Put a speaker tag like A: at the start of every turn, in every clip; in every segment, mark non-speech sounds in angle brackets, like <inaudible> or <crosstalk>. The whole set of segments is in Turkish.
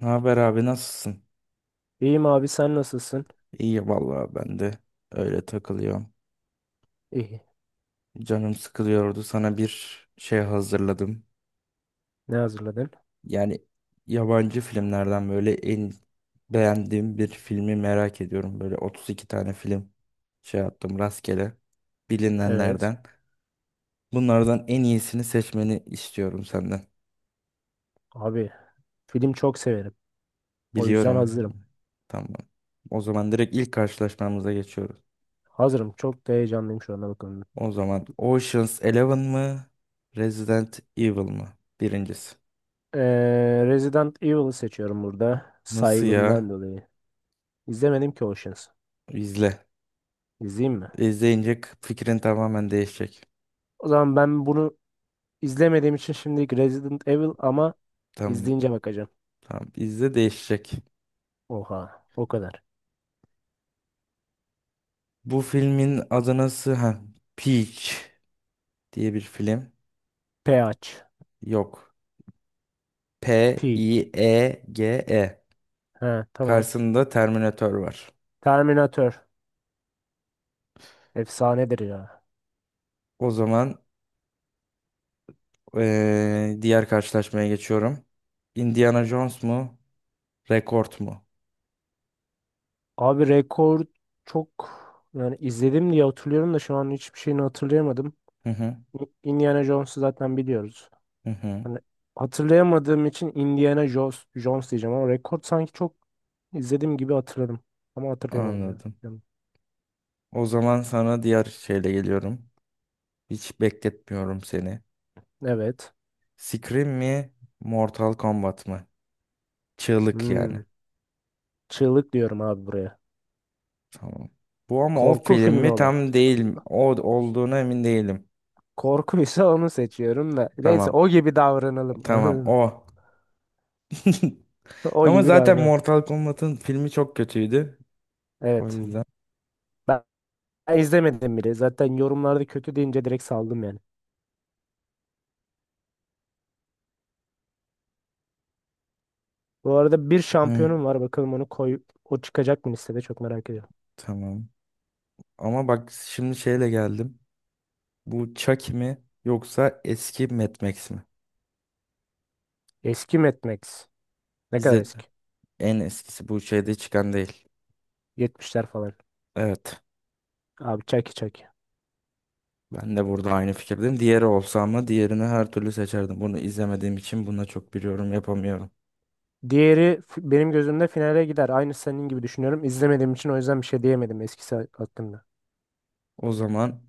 A: Ne haber abi nasılsın?
B: İyiyim abi, sen nasılsın?
A: İyi vallahi ben de öyle takılıyorum.
B: İyi.
A: Canım sıkılıyordu. Sana bir şey hazırladım.
B: Ne hazırladın?
A: Yani yabancı filmlerden böyle en beğendiğim bir filmi merak ediyorum. Böyle 32 tane film şey yaptım rastgele
B: Evet.
A: bilinenlerden. Bunlardan en iyisini seçmeni istiyorum senden.
B: Abi, film çok severim. O yüzden
A: Biliyorum.
B: hazırım.
A: Tamam. O zaman direkt ilk karşılaşmamıza geçiyoruz.
B: Hazırım. Çok da heyecanlıyım şu anda, bakın.
A: O zaman Ocean's Eleven mı? Resident Evil mı? Birincisi.
B: Resident Evil'ı seçiyorum burada.
A: Nasıl
B: Saygımdan
A: ya?
B: dolayı. İzlemedim ki Oceans.
A: İzle.
B: İzleyeyim mi?
A: İzleyince fikrin tamamen değişecek.
B: O zaman ben bunu izlemediğim için şimdilik Resident Evil, ama
A: Tamam,
B: izleyince bakacağım.
A: tamam. İzle değişecek.
B: Oha. O kadar.
A: Bu filmin adı nasıl? Ha, Peach diye bir film.
B: Peach.
A: Yok.
B: Peach.
A: P-I-E-G-E.
B: Ha, tamam.
A: Karşısında Terminator var.
B: Terminator. Efsanedir ya.
A: O zaman diğer karşılaşmaya geçiyorum. Indiana Jones mu? Rekord mu?
B: Abi, rekor çok, yani izledim diye hatırlıyorum da şu an hiçbir şeyini hatırlayamadım.
A: Hı hı.
B: Indiana Jones'u zaten biliyoruz.
A: Hı hı.
B: Hani, hatırlayamadığım için Indiana Jones, Jones diyeceğim, ama rekor sanki çok izlediğim gibi hatırladım. Ama hatırlayamadım ya.
A: Anladım.
B: Yani,
A: O zaman sana diğer şeyle geliyorum. Hiç bekletmiyorum seni.
B: evet.
A: Scream mi? Mortal Kombat mı? Çığlık
B: Hmm.
A: yani.
B: Çığlık diyorum abi buraya.
A: Tamam. Bu ama o
B: Korku
A: film
B: filmi
A: mi
B: olan.
A: tam değil. O olduğuna emin değilim.
B: Korkuysa onu seçiyorum da. Neyse,
A: Tamam.
B: o gibi davranalım.
A: Tamam
B: Anladın mı?
A: o. <laughs>
B: <laughs> O
A: Ama
B: gibi
A: zaten
B: davranalım.
A: Mortal Kombat'ın filmi çok kötüydü. O
B: Evet.
A: yüzden.
B: Ben ben izlemedim bile. Zaten yorumlarda kötü deyince direkt saldım yani. Bu arada bir
A: Hı,
B: şampiyonum var. Bakalım onu koy. O çıkacak mı listede? Çok merak ediyorum.
A: tamam. Ama bak şimdi şeyle geldim. Bu Chucky mi yoksa eski Mad Max mi?
B: Eski Mad Max. Ne kadar
A: İzledim.
B: eski?
A: En eskisi bu şeyde çıkan değil.
B: Yetmişler falan.
A: Evet.
B: Abi, çaki çaki.
A: Ben de burada aynı fikirdeyim. Diğeri olsa ama diğerini her türlü seçerdim. Bunu izlemediğim için buna çok bir yorum yapamıyorum.
B: Benim gözümde finale gider. Aynı senin gibi düşünüyorum. İzlemediğim için o yüzden bir şey diyemedim eskisi hakkında.
A: O zaman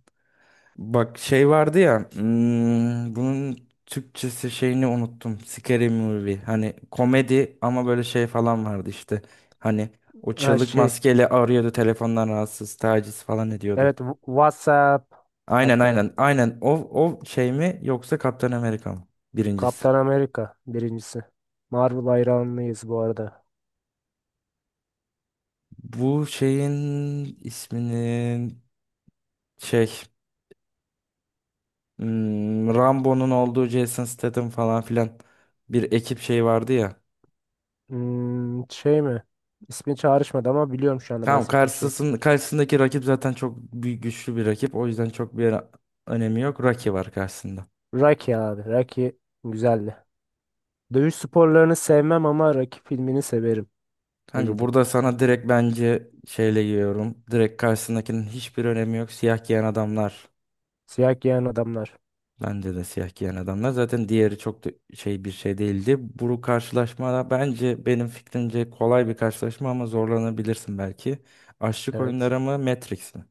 A: bak şey vardı ya bunun Türkçesi şeyini unuttum. Scary Movie. Hani komedi ama böyle şey falan vardı işte. Hani o
B: Ha,
A: çığlık
B: şey.
A: maskeyle arıyordu telefondan rahatsız taciz falan ediyordu.
B: Evet, WhatsApp.
A: Aynen
B: Hatta
A: aynen aynen o, o şey mi yoksa Kaptan Amerika mı? Birincisi.
B: Kaptan Amerika birincisi. Marvel hayranlıyız bu arada.
A: Bu şeyin isminin şey Rambo'nun olduğu Jason Statham falan filan bir ekip şey vardı ya.
B: Hmm, şey mi? İsmi çağrışmadı ama biliyorum şu anda
A: Tamam
B: bahsettiğin şey.
A: karşısındaki rakip zaten çok büyük güçlü bir rakip. O yüzden çok bir önemi yok. Rocky var karşısında.
B: Rocky abi. Rocky güzeldi. Dövüş sporlarını sevmem ama Rocky filmini severim. Öyle
A: Kanka
B: diyeyim.
A: burada sana direkt bence şeyle giriyorum. Direkt karşısındakinin hiçbir önemi yok. Siyah giyen adamlar.
B: Siyah giyen adamlar.
A: Bence de siyah giyen adamlar. Zaten diğeri çok da şey bir şey değildi. Bu karşılaşma da bence benim fikrimce kolay bir karşılaşma ama zorlanabilirsin belki. Açlık
B: Evet.
A: oyunları mı Matrix mi?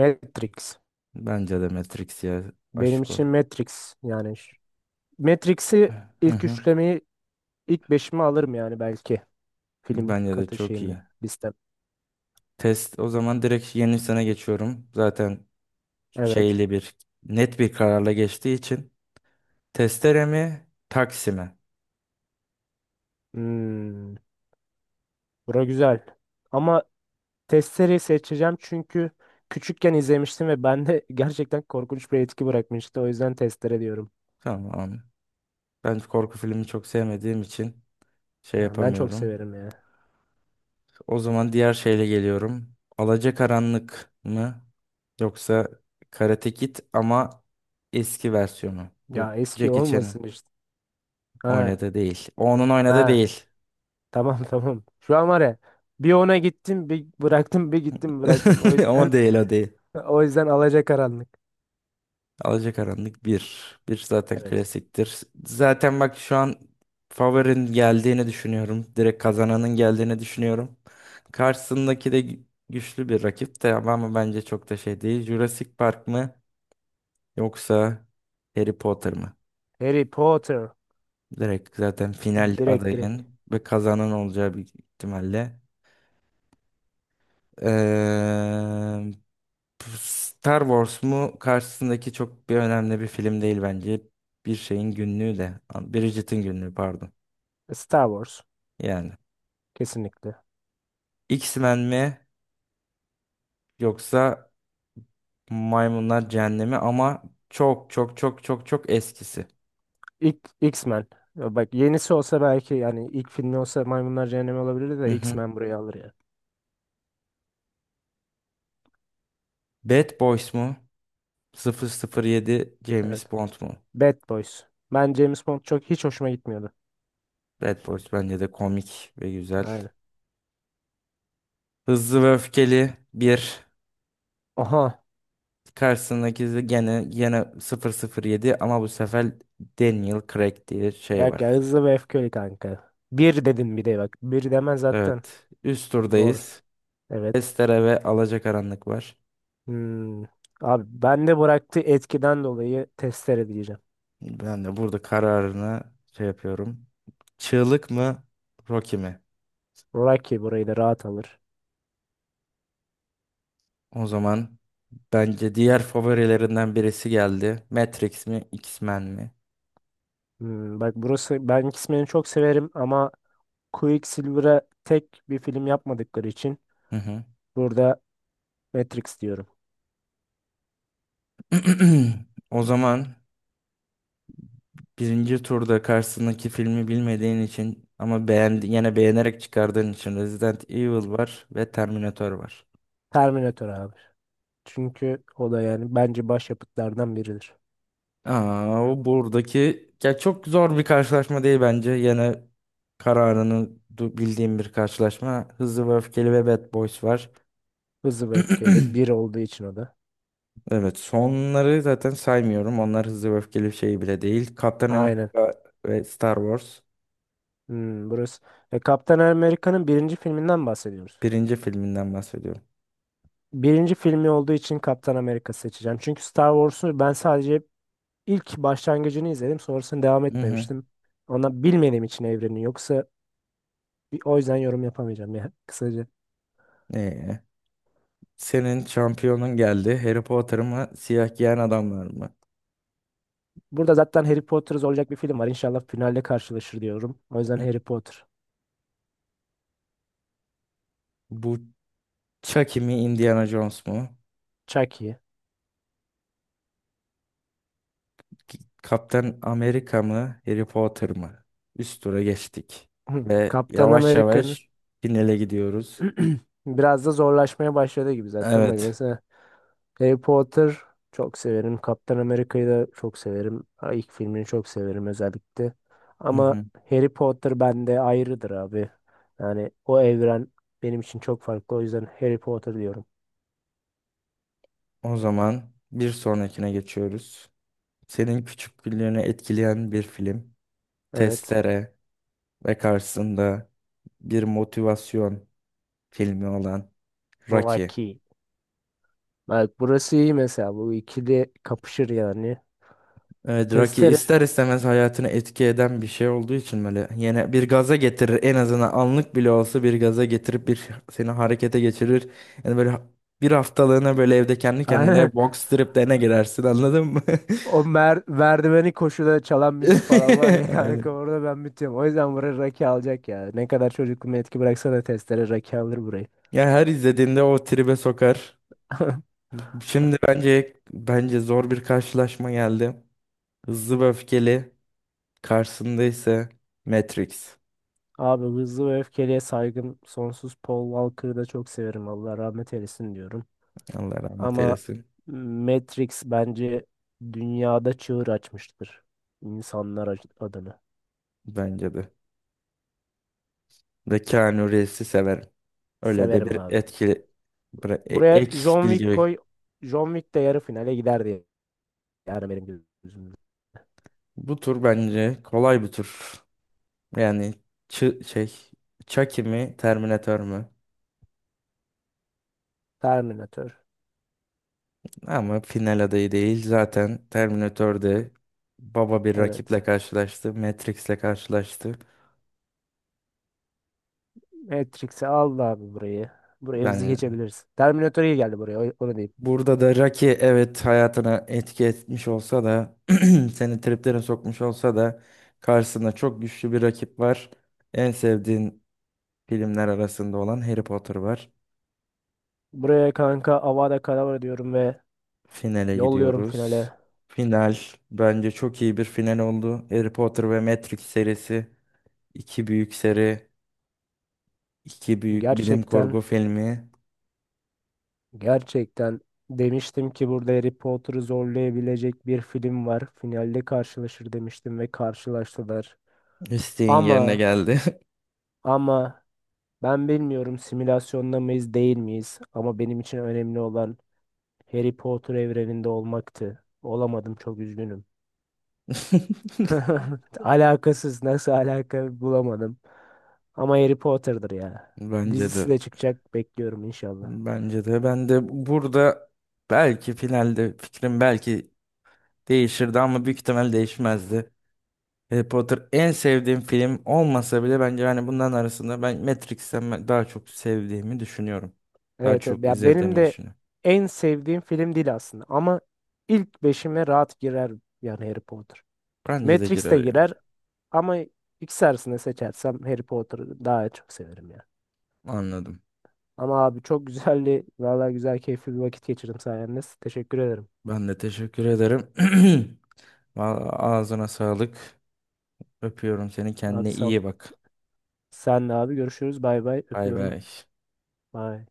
B: Matrix.
A: Bence de Matrix ya
B: Benim
A: aşk ol.
B: için Matrix yani. Matrix'i
A: Hı
B: ilk
A: hı.
B: üçlemeyi ilk beşimi alırım yani belki. Film
A: Bence de
B: katı
A: çok iyi.
B: şeyimle. Listem.
A: Test o zaman direkt yeni sene geçiyorum. Zaten
B: Evet.
A: şeyli bir net bir kararla geçtiği için. Testere mi taksi mi?
B: Hmm, bura güzel. Ama Testere'yi seçeceğim çünkü küçükken izlemiştim ve bende <laughs> gerçekten korkunç bir etki bırakmıştı. O yüzden Testere diyorum.
A: Tamam. Ben korku filmi çok sevmediğim için şey
B: Ha, ben çok
A: yapamıyorum.
B: severim ya.
A: O zaman diğer şeyle geliyorum. Alacakaranlık mı? Yoksa Karate Kid ama eski versiyonu. Bu
B: Ya eski
A: Jackie Chan'ın
B: olmasın işte. Ha,
A: oynadığı değil. O onun oynadığı
B: ha.
A: değil.
B: Tamam <laughs> tamam. Şu an var ya, bir ona gittim bir bıraktım bir gittim bıraktım. O
A: <laughs>
B: yüzden
A: Ama değil o değil.
B: <laughs> o yüzden alacakaranlık.
A: Alacakaranlık bir. Bir zaten
B: Evet.
A: klasiktir. Zaten bak şu an favorin geldiğini düşünüyorum. Direkt kazananın geldiğini düşünüyorum. Karşısındaki de güçlü bir rakip de ama bence çok da şey değil. Jurassic Park mı yoksa Harry Potter mı?
B: Harry Potter.
A: Direkt zaten final
B: Direkt direkt.
A: adayın ve kazanan olacağı bir ihtimalle. Eee, Star Wars mu karşısındaki çok bir önemli bir film değil bence. Bir şeyin günlüğü de. Bridget'in günlüğü pardon.
B: Star Wars.
A: Yani
B: Kesinlikle.
A: X-Men mi yoksa Maymunlar Cehennemi ama çok çok çok çok çok eskisi.
B: İlk X-Men. Ya bak, yenisi olsa belki, yani ilk filmi olsa Maymunlar Cehennemi olabilirdi
A: Hı
B: de
A: hı.
B: X-Men burayı alır ya.
A: Bad Boys mu? Sıfır sıfır yedi
B: Evet.
A: James Bond mu?
B: Bad Boys. Ben James Bond çok hiç hoşuma gitmiyordu.
A: Bad Boys bence de komik ve güzel.
B: Aynen.
A: Hızlı ve öfkeli bir.
B: Oha.
A: Karşısındaki de gene gene sıfır sıfır yedi ama bu sefer Daniel Craig diye şey
B: Yok ya,
A: var.
B: hızlı ve öfkeli kanka. Bir dedin bir de bak. Bir demen zaten.
A: Evet. Üst
B: Doğru.
A: turdayız.
B: Evet.
A: Estere ve Alacakaranlık var.
B: Hmm. Abi, ben de bıraktığı etkiden dolayı testere diyeceğim.
A: Ben de burada kararını şey yapıyorum. Çığlık mı? Rocky mi?
B: Rocky burayı da rahat alır.
A: O zaman bence diğer favorilerinden birisi geldi. Matrix mi? X-Men mi?
B: Hmm, bak burası, ben X-Men'i çok severim ama Quicksilver'a tek bir film yapmadıkları için
A: Hı hı.
B: burada Matrix diyorum.
A: <clears throat> O zaman birinci turda karşısındaki filmi bilmediğin için ama yine beğenerek çıkardığın için Resident Evil var ve Terminator var.
B: Terminator abi. Çünkü o da yani bence başyapıtlardan biridir.
A: Aa, o buradaki ya çok zor bir karşılaşma değil bence. Yine kararını bildiğim bir karşılaşma. Hızlı ve Öfkeli ve Bad Boys var.
B: Hızlı ve öfkeyle
A: <clears throat>
B: bir olduğu için o da.
A: Evet, sonları zaten saymıyorum. Onlar Hızlı ve Öfkeli bir şey bile değil. Kaptan
B: Aynen.
A: Amerika ve Star Wars
B: Hmm, burası. E, Kaptan Amerika'nın birinci filminden bahsediyoruz.
A: birinci filminden bahsediyorum.
B: Birinci filmi olduğu için Kaptan Amerika seçeceğim. Çünkü Star Wars'u ben sadece ilk başlangıcını izledim. Sonrasını devam
A: Hı hı.
B: etmemiştim. Ona bilmediğim için evreni. Yoksa o yüzden yorum yapamayacağım ya <laughs> kısaca.
A: Ee, senin şampiyonun geldi. Harry Potter mı, Siyah Giyen Adamlar mı?
B: Burada zaten Harry Potter olacak bir film var. İnşallah finalde karşılaşır diyorum. O yüzden
A: Hı.
B: Harry Potter.
A: Bu Chucky mi, Indiana Jones mu?
B: Chucky.
A: Kaptan Amerika mı, Harry Potter mı? Üst tura geçtik.
B: <clears throat>
A: Ve
B: Kaptan
A: yavaş
B: Amerika'nın
A: yavaş finale gidiyoruz.
B: <clears throat> biraz da zorlaşmaya başladı gibi zaten. Bak
A: Evet.
B: mesela, Harry Potter çok severim. Kaptan Amerika'yı da çok severim. Ha, İlk filmini çok severim özellikle.
A: Hı
B: Ama
A: hı.
B: Harry Potter bende ayrıdır abi. Yani o evren benim için çok farklı. O yüzden Harry Potter diyorum.
A: O zaman bir sonrakine geçiyoruz. Senin küçüklüğünü etkileyen bir film.
B: Evet.
A: Testere ve karşısında bir motivasyon filmi olan Rocky.
B: Rocky. Bak, burası iyi mesela. Bu ikili kapışır yani.
A: Evet Rocky
B: Testere.
A: ister istemez hayatını etki eden bir şey olduğu için böyle yine bir gaza getirir en azından anlık bile olsa bir gaza getirip bir seni harekete geçirir. Yani böyle bir haftalığına böyle evde kendi
B: <laughs>
A: kendine
B: Aynen.
A: box striplerine girersin anladın mı?
B: O merdiveni koşuda çalan müzik falan var ya <laughs>
A: <laughs>
B: kanka
A: Aynen.
B: orada ben bitiyorum. O yüzden buraya Rocky alacak ya. Ne kadar çocukluğuma etki bıraksa da testere Rocky alır burayı.
A: Ya her izlediğinde o tribe sokar.
B: <laughs>
A: Şimdi bence zor bir karşılaşma geldi. Hızlı ve öfkeli karşısında ise Matrix.
B: Abi, hızlı ve öfkeliye saygım sonsuz. Paul Walker'ı da çok severim. Allah rahmet eylesin diyorum.
A: Allah rahmet
B: Ama
A: eylesin.
B: Matrix bence dünyada çığır açmıştır. İnsanlar adına.
A: Bence de. Ve Keanu Reeves'i severim. Öyle de
B: Severim
A: bir
B: abi.
A: etkili
B: Buraya
A: ek
B: John Wick
A: bilgi.
B: koy. John Wick de yarı finale gider diye. Yani benim gözümde.
A: Bu tur bence kolay bir tur. Yani şey Chucky mi Terminator mu?
B: Terminator.
A: Ama final adayı değil. Zaten Terminator'de baba bir rakiple
B: Evet.
A: karşılaştı. Matrix'le karşılaştı.
B: Matrix'i al da abi burayı. Buraya hızlı
A: Yani
B: geçebiliriz. Terminator iyi geldi buraya. Onu diyeyim.
A: burada da Rocky evet hayatına etki etmiş olsa da <clears throat> seni triplere sokmuş olsa da karşısında çok güçlü bir rakip var. En sevdiğin filmler arasında olan Harry Potter var.
B: Buraya kanka Avada Kedavra diyorum ve
A: Finale
B: yolluyorum
A: gidiyoruz.
B: finale.
A: Final bence çok iyi bir final oldu. Harry Potter ve Matrix serisi iki büyük seri, iki büyük bilim kurgu
B: Gerçekten
A: filmi
B: Gerçekten demiştim ki burada Harry Potter'ı zorlayabilecek bir film var. Finalde karşılaşır demiştim ve karşılaştılar.
A: isteğin yerine
B: Ama
A: geldi.
B: ama ben bilmiyorum simülasyonda mıyız değil miyiz, ama benim için önemli olan Harry Potter evreninde olmaktı. Olamadım, çok üzgünüm.
A: <laughs>
B: <laughs> Alakasız, nasıl alaka bulamadım. Ama Harry Potter'dır ya.
A: Bence de.
B: Dizisi de çıkacak, bekliyorum inşallah.
A: Bence de. Ben de burada belki finalde fikrim belki değişirdi ama büyük ihtimal değişmezdi. Harry Potter en sevdiğim film olmasa bile bence hani bunların arasında ben Matrix'ten ben daha çok sevdiğimi düşünüyorum. Daha
B: Evet, evet.
A: çok
B: Ya benim
A: izlediğimi
B: de
A: düşünüyorum.
B: en sevdiğim film değil aslında, ama ilk beşime rahat girer yani Harry Potter.
A: Bence de
B: Matrix
A: girer
B: de
A: yani.
B: girer ama ikisi arasında seçersem Harry Potter'ı daha çok severim ya.
A: Anladım.
B: Ama abi, çok güzeldi. Vallahi güzel keyifli bir vakit geçirdim sayenizde. Teşekkür ederim.
A: Ben de teşekkür ederim. <clears throat> Vallahi ağzına sağlık. Öpüyorum seni.
B: Abi
A: Kendine
B: sağ ol.
A: iyi bak.
B: Senle abi görüşürüz. Bay bay.
A: Bay
B: Öpüyorum.
A: bay.
B: Bay.